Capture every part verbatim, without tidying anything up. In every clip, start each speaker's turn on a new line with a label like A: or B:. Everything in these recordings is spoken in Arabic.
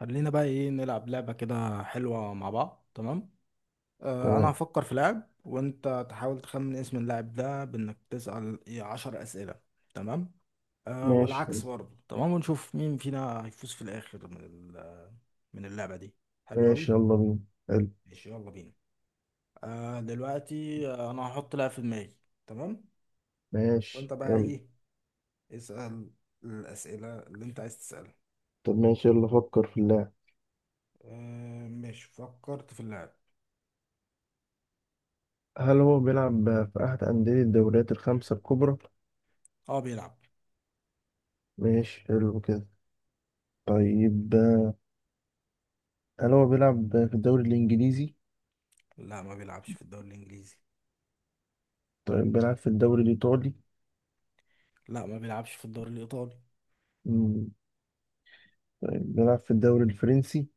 A: خلينا بقى ايه نلعب لعبة كده حلوة مع بعض. تمام، آه انا
B: تمام.
A: هفكر في لاعب وانت تحاول تخمن اسم اللاعب ده بانك تسأل إيه عشر اسئلة. تمام، آه
B: ماشي
A: والعكس برضه. تمام ونشوف مين فينا هيفوز في الاخر من ال- من اللعبة دي. حلوة اوي.
B: ماشي. يلا بينا. حلو.
A: ماشي يلا بينا. آه دلوقتي آه، انا هحط لاعب في دماغي. تمام. وانت
B: ماشي
A: بقى
B: يلا.
A: ايه؟ اسأل الاسئلة اللي انت عايز تسألها.
B: طب ماشي يلا فكر في اللاعب.
A: آه ماشي، فكرت في اللاعب.
B: هل هو بيلعب في أحد أندية الدوريات الخمسة الكبرى؟
A: اه بيلعب.
B: ماشي حلو كده. طيب هل هو بيلعب في الدوري الإنجليزي؟
A: لا ما بيلعبش في الدوري الانجليزي.
B: طيب بيلعب في الدوري الإيطالي؟
A: لا ما بيلعبش في الدوري الإيطالي.
B: مم. طيب بيلعب في الدوري الفرنسي؟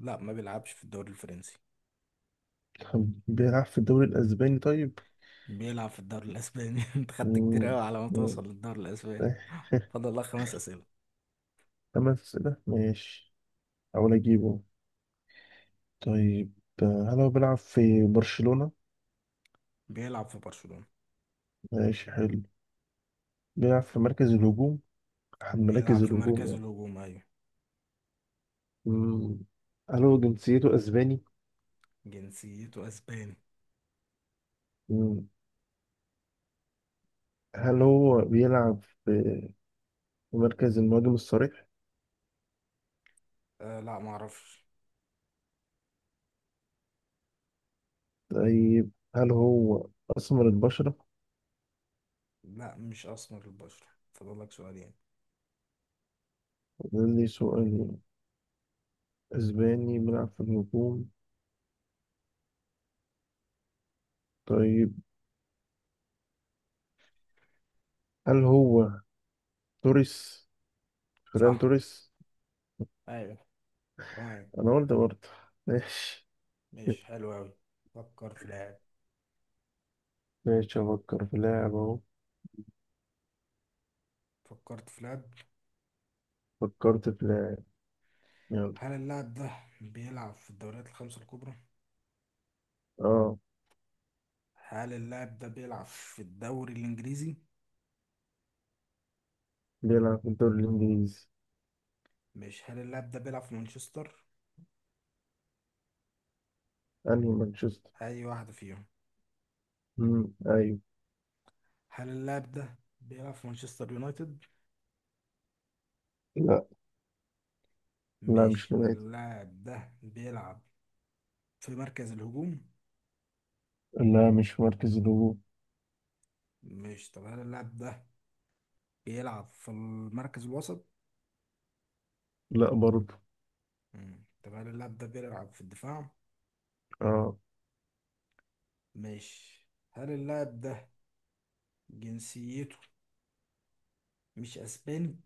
A: لا ما بيلعبش في الدوري الفرنسي.
B: طب بيلعب في الدوري الأسباني طيب؟
A: بيلعب في الدوري الأسباني انت خدت كتير
B: مم.
A: أوي على ما
B: مم.
A: توصل للدوري الأسباني. فاضل لك خمس أسئلة.
B: خمس أسئلة ماشي. أحاول أجيبه. طيب هل هو بيلعب في برشلونة؟
A: بيلعب في برشلونة.
B: ماشي حلو. بيلعب في مركز الهجوم، أحد مراكز
A: بيلعب في
B: الهجوم
A: مركز
B: يعني.
A: الهجوم، أيوة.
B: مم. هل هو جنسيته أسباني؟
A: جنسيته أسباني.
B: مم. هل هو بيلعب في في مركز المهاجم الصريح؟
A: آه لا ما أعرفش.
B: طيب هل هو أسمر البشرة؟
A: لا مش أسمر البشرة. فاضل لك سؤالين.
B: ده لي سؤال. أسباني بيلعب في الهجوم. طيب هل هو توريس؟ فران
A: صح،
B: توريس؟
A: أيوة، تمام.
B: أنا قلت برضه. ماشي.
A: ماشي حلو أوي. فكر في لاعب.
B: ماشي أفكر في لاعب أهو.
A: فكرت في لاعب.
B: فكرت في لاعب. يلا.
A: هل اللاعب ده بيلعب في الدوريات الخمسة الكبرى؟
B: أه
A: هل اللاعب ده بيلعب في الدوري الإنجليزي؟
B: بيلعب في الدوري الإنجليزي.
A: مش هل اللاعب ده بيلعب في مانشستر؟
B: أنهي مانشستر؟
A: اي واحدة فيهم.
B: مم. أيوه.
A: هل اللاعب ده بيلعب في مانشستر يونايتد؟
B: لا لا
A: مش
B: مش
A: هل
B: نباتي.
A: اللاعب ده بيلعب في مركز الهجوم؟
B: لا مش في مركز الهجوم.
A: مش طب هل اللاعب ده بيلعب في المركز الوسط؟
B: لا برضه.
A: مم. طب هل اللاعب ده بيلعب في الدفاع؟
B: اه.
A: مش هل اللاعب ده جنسيته مش اسباني؟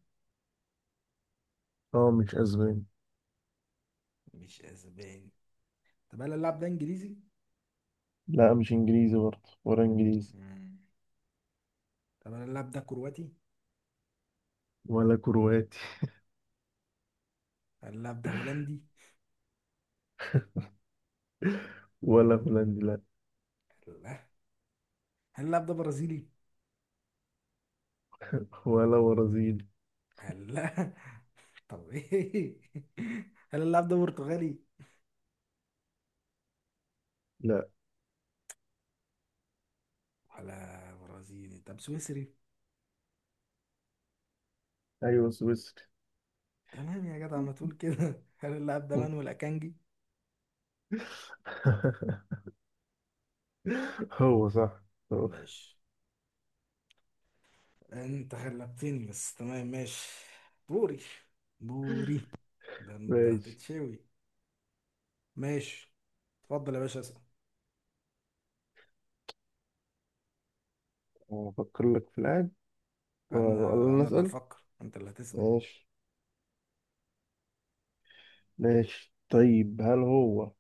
B: اه مش اسباني.
A: مش اسباني. طب هل اللاعب ده انجليزي؟
B: لا مش انجليزي برضه ولا انجليزي.
A: مم. طب هل اللاعب ده كرواتي؟
B: ولا كرواتي.
A: هل اللاعب ده هولندي؟
B: ولا هولندي لا.
A: لا. هل اللاعب ده برازيلي؟
B: ولا برازيلي.
A: لا طب ايه؟ هل اللاعب ده برتغالي؟
B: لا.
A: ولا برازيلي؟ طب سويسري؟
B: ايوه سويسري.
A: تمام يا جدع، ما تقول كده هل اللاعب ده مانويل اكانجي؟
B: هو صح. هو.
A: ماشي، انت غلبتني بس، تمام ماشي. بوري بوري، ده انت
B: ماشي
A: هتتشوي. ماشي اتفضل يا باشا اسأل.
B: افكر لك في اللاعب.
A: انا
B: والله
A: انا اللي
B: نسأل.
A: هفكر، انت اللي هتسأل.
B: ماشي. ماشي طيب هل هو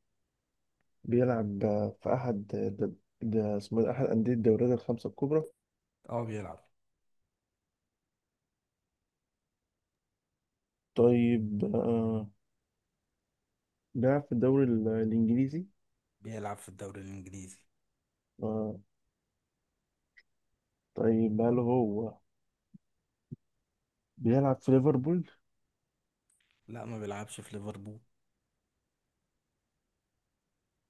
B: بيلعب في احد، ده, ده اسمه إيه؟ احد انديه الدوريات الخمسه الكبرى.
A: اه بيلعب.
B: طيب آه بيلعب في الدوري ال- الإنجليزي.
A: بيلعب في الدوري الانجليزي.
B: آه، طيب هل هو بيلعب في ليفربول؟
A: لا ما بيلعبش في ليفربول.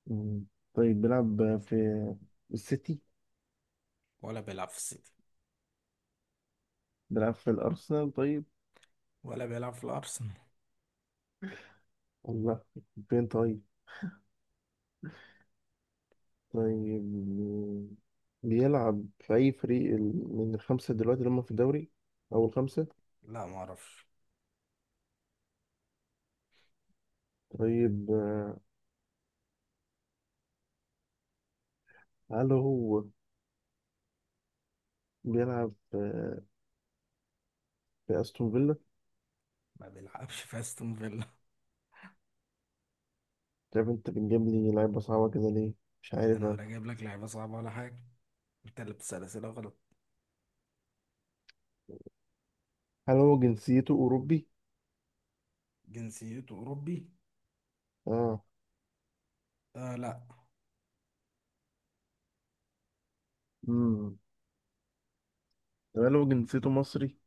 B: مم. طيب بيلعب في السيتي؟
A: ولا بيلعب في السيتي.
B: بيلعب في الأرسنال طيب؟
A: ولا بيلعب في الارسنال.
B: الله، فين طيب؟ طيب بيلعب في أي فريق ال- من الخمسة دلوقتي اللي هم في الدوري أو الخمسة؟
A: لا ما اعرفش.
B: طيب آه، هل هو بيلعب في في أستون فيلا؟
A: ما بيلعبش في استون فيلا.
B: طيب أنت بتجيب لي لعيبة صعبة كده ليه؟ مش عارف
A: انا
B: أنا.
A: ولا جايب لك لعيبه صعبه ولا حاجه، انت اللي بتسال اسئله غلط.
B: هل هو جنسيته أوروبي؟
A: جنسيته اوروبي. آه لا،
B: آه. ده لو جنسيته مصري.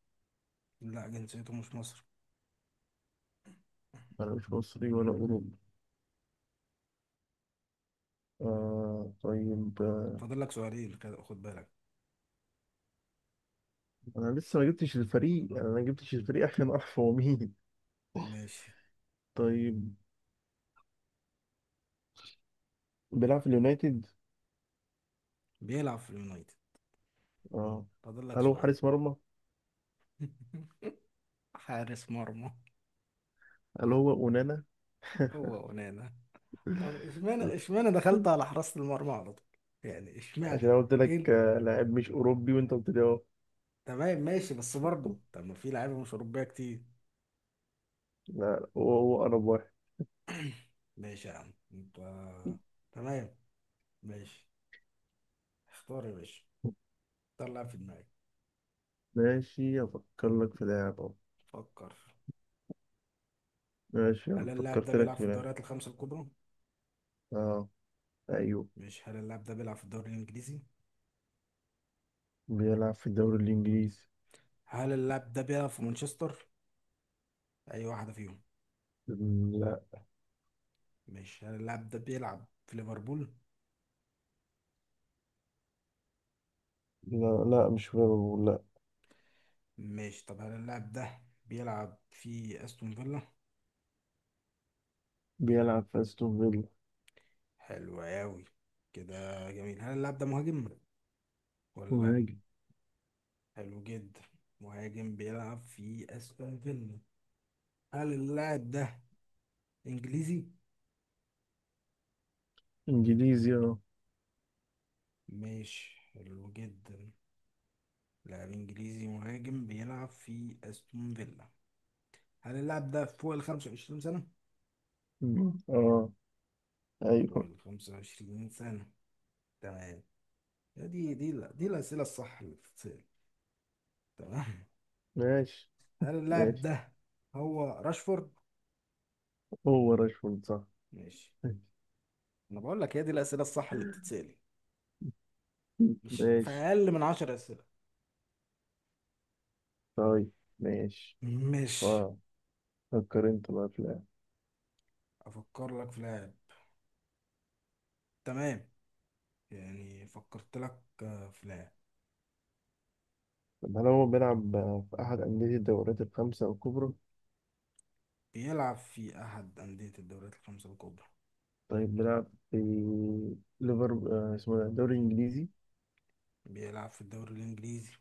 A: لا جنسيته مش مصري.
B: انا مش مصري ولا اوروبي. آه طيب. آه،
A: فاضل لك سؤالين كده، خد بالك.
B: انا لسه ما جبتش الفريق، يعني انا ما جبتش الفريق عشان اعرف هو مين.
A: ماشي.
B: طيب بيلعب في اليونايتد.
A: بيلعب في اليونايتد.
B: اه.
A: فاضل لك
B: هل هو
A: سؤال.
B: حارس مرمى.
A: حارس مرمى.
B: هل هو اونانا.
A: هو ونانا. طب اشمعنى اشمعنى دخلت على حراسه المرمى على طول؟ يعني
B: عشان
A: اشمعنى؟
B: انا قلت
A: ايه
B: لك
A: ال-
B: آه، لاعب مش اوروبي وانت قلت لي اه.
A: تمام ماشي، بس برضه طب ما في لعيبه مش اوروبيه كتير.
B: لا لا، هو هو انا واحد.
A: ماشي يا عم انت، تمام ماشي. اختار يا باشا، اختار لاعب في دماغك.
B: ماشي افكر لك في لاعب اه.
A: فكر.
B: ماشي
A: هل
B: يلا
A: اللاعب ده
B: فكرت لك
A: بيلعب
B: في
A: في
B: لاعب
A: الدوريات الخمسة الكبرى؟
B: اه. ايوه
A: مش هل اللاعب ده بيلعب في الدوري الإنجليزي؟
B: بيلعب في الدوري الانجليزي.
A: هل اللاعب ده بيلعب في مانشستر؟ أي واحدة فيهم. مش هل اللاعب ده بيلعب في ليفربول؟
B: لا لا مش فيرو لا.
A: مش طب هل اللاعب ده بيلعب في أستون فيلا؟
B: بيلعب في استون فيلا.
A: حلو أوي كده جميل. هل اللاعب ده مهاجم ولا لأ؟
B: مهاجم.
A: حلو جدا، مهاجم بيلعب في أستون فيلا. هل اللاعب ده إنجليزي؟
B: انجليزي اه.
A: مش حلو جدا، لاعب إنجليزي مهاجم بيلعب في أستون فيلا. هل اللاعب ده فوق ال خمسة وعشرين سنة؟
B: مم. اه.
A: فوق
B: ايوه.
A: ال خمسة وعشرين سنة، تمام. دي دي لا- دي الأسئلة الصح اللي بتتسأل، تمام.
B: ماشي.
A: هل اللاعب
B: ماشي
A: ده هو راشفورد؟
B: هو راشفورد صح.
A: ماشي. أنا بقول لك هي دي الأسئلة الصح اللي بتتسأل، مش في
B: ماشي
A: أقل من عشرة أسئلة.
B: طيب ماشي.
A: مش
B: واو. فكر انت بقى في اللاعب.
A: أفكر لك في لاعب، تمام. يعني فكرت لك آه، في لاعب
B: طب هل هو بيلعب في احد انديه الدوريات الخمسه الكبرى.
A: بيلعب في أحد أندية الدوريات الخمسة الكبرى.
B: طيب بيلعب في ليفر آه، اسمه ده الدوري الانجليزي.
A: بيلعب في الدوري الإنجليزي؟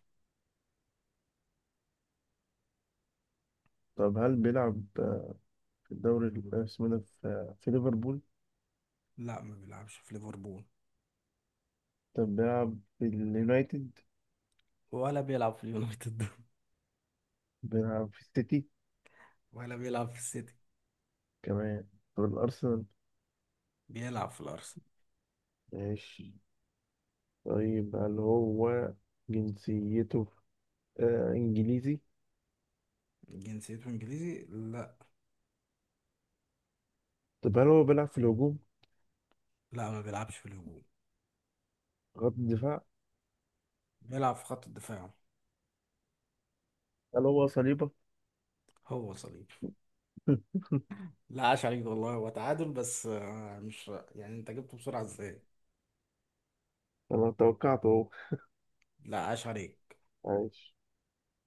B: طب هل بيلعب آه، في الدوري ال- آه، اسمه ده في آه، في ليفربول.
A: لا ما بيلعبش في ليفربول.
B: طب بيلعب في اليونايتد.
A: ولا بيلعب في اليونايتد.
B: بيلعب في السيتي
A: ولا بيلعب في السيتي.
B: كمان. طب الأرسنال.
A: بيلعب في الأرسنال.
B: ماشي طيب هل هو جنسيته آه إنجليزي؟
A: جنسيته إنجليزي، لا.
B: طب هل هو بيلعب في الهجوم.
A: لا ما بيلعبش في الهجوم.
B: خط الدفاع.
A: بيلعب في خط الدفاع.
B: هل هو صليبة.
A: هو صليب. لا عاش عليك والله، هو تعادل بس آه، مش يعني انت جبته بسرعة ازاي؟
B: أنا توقعته أهو.
A: لا عاش عليك.
B: ماشي.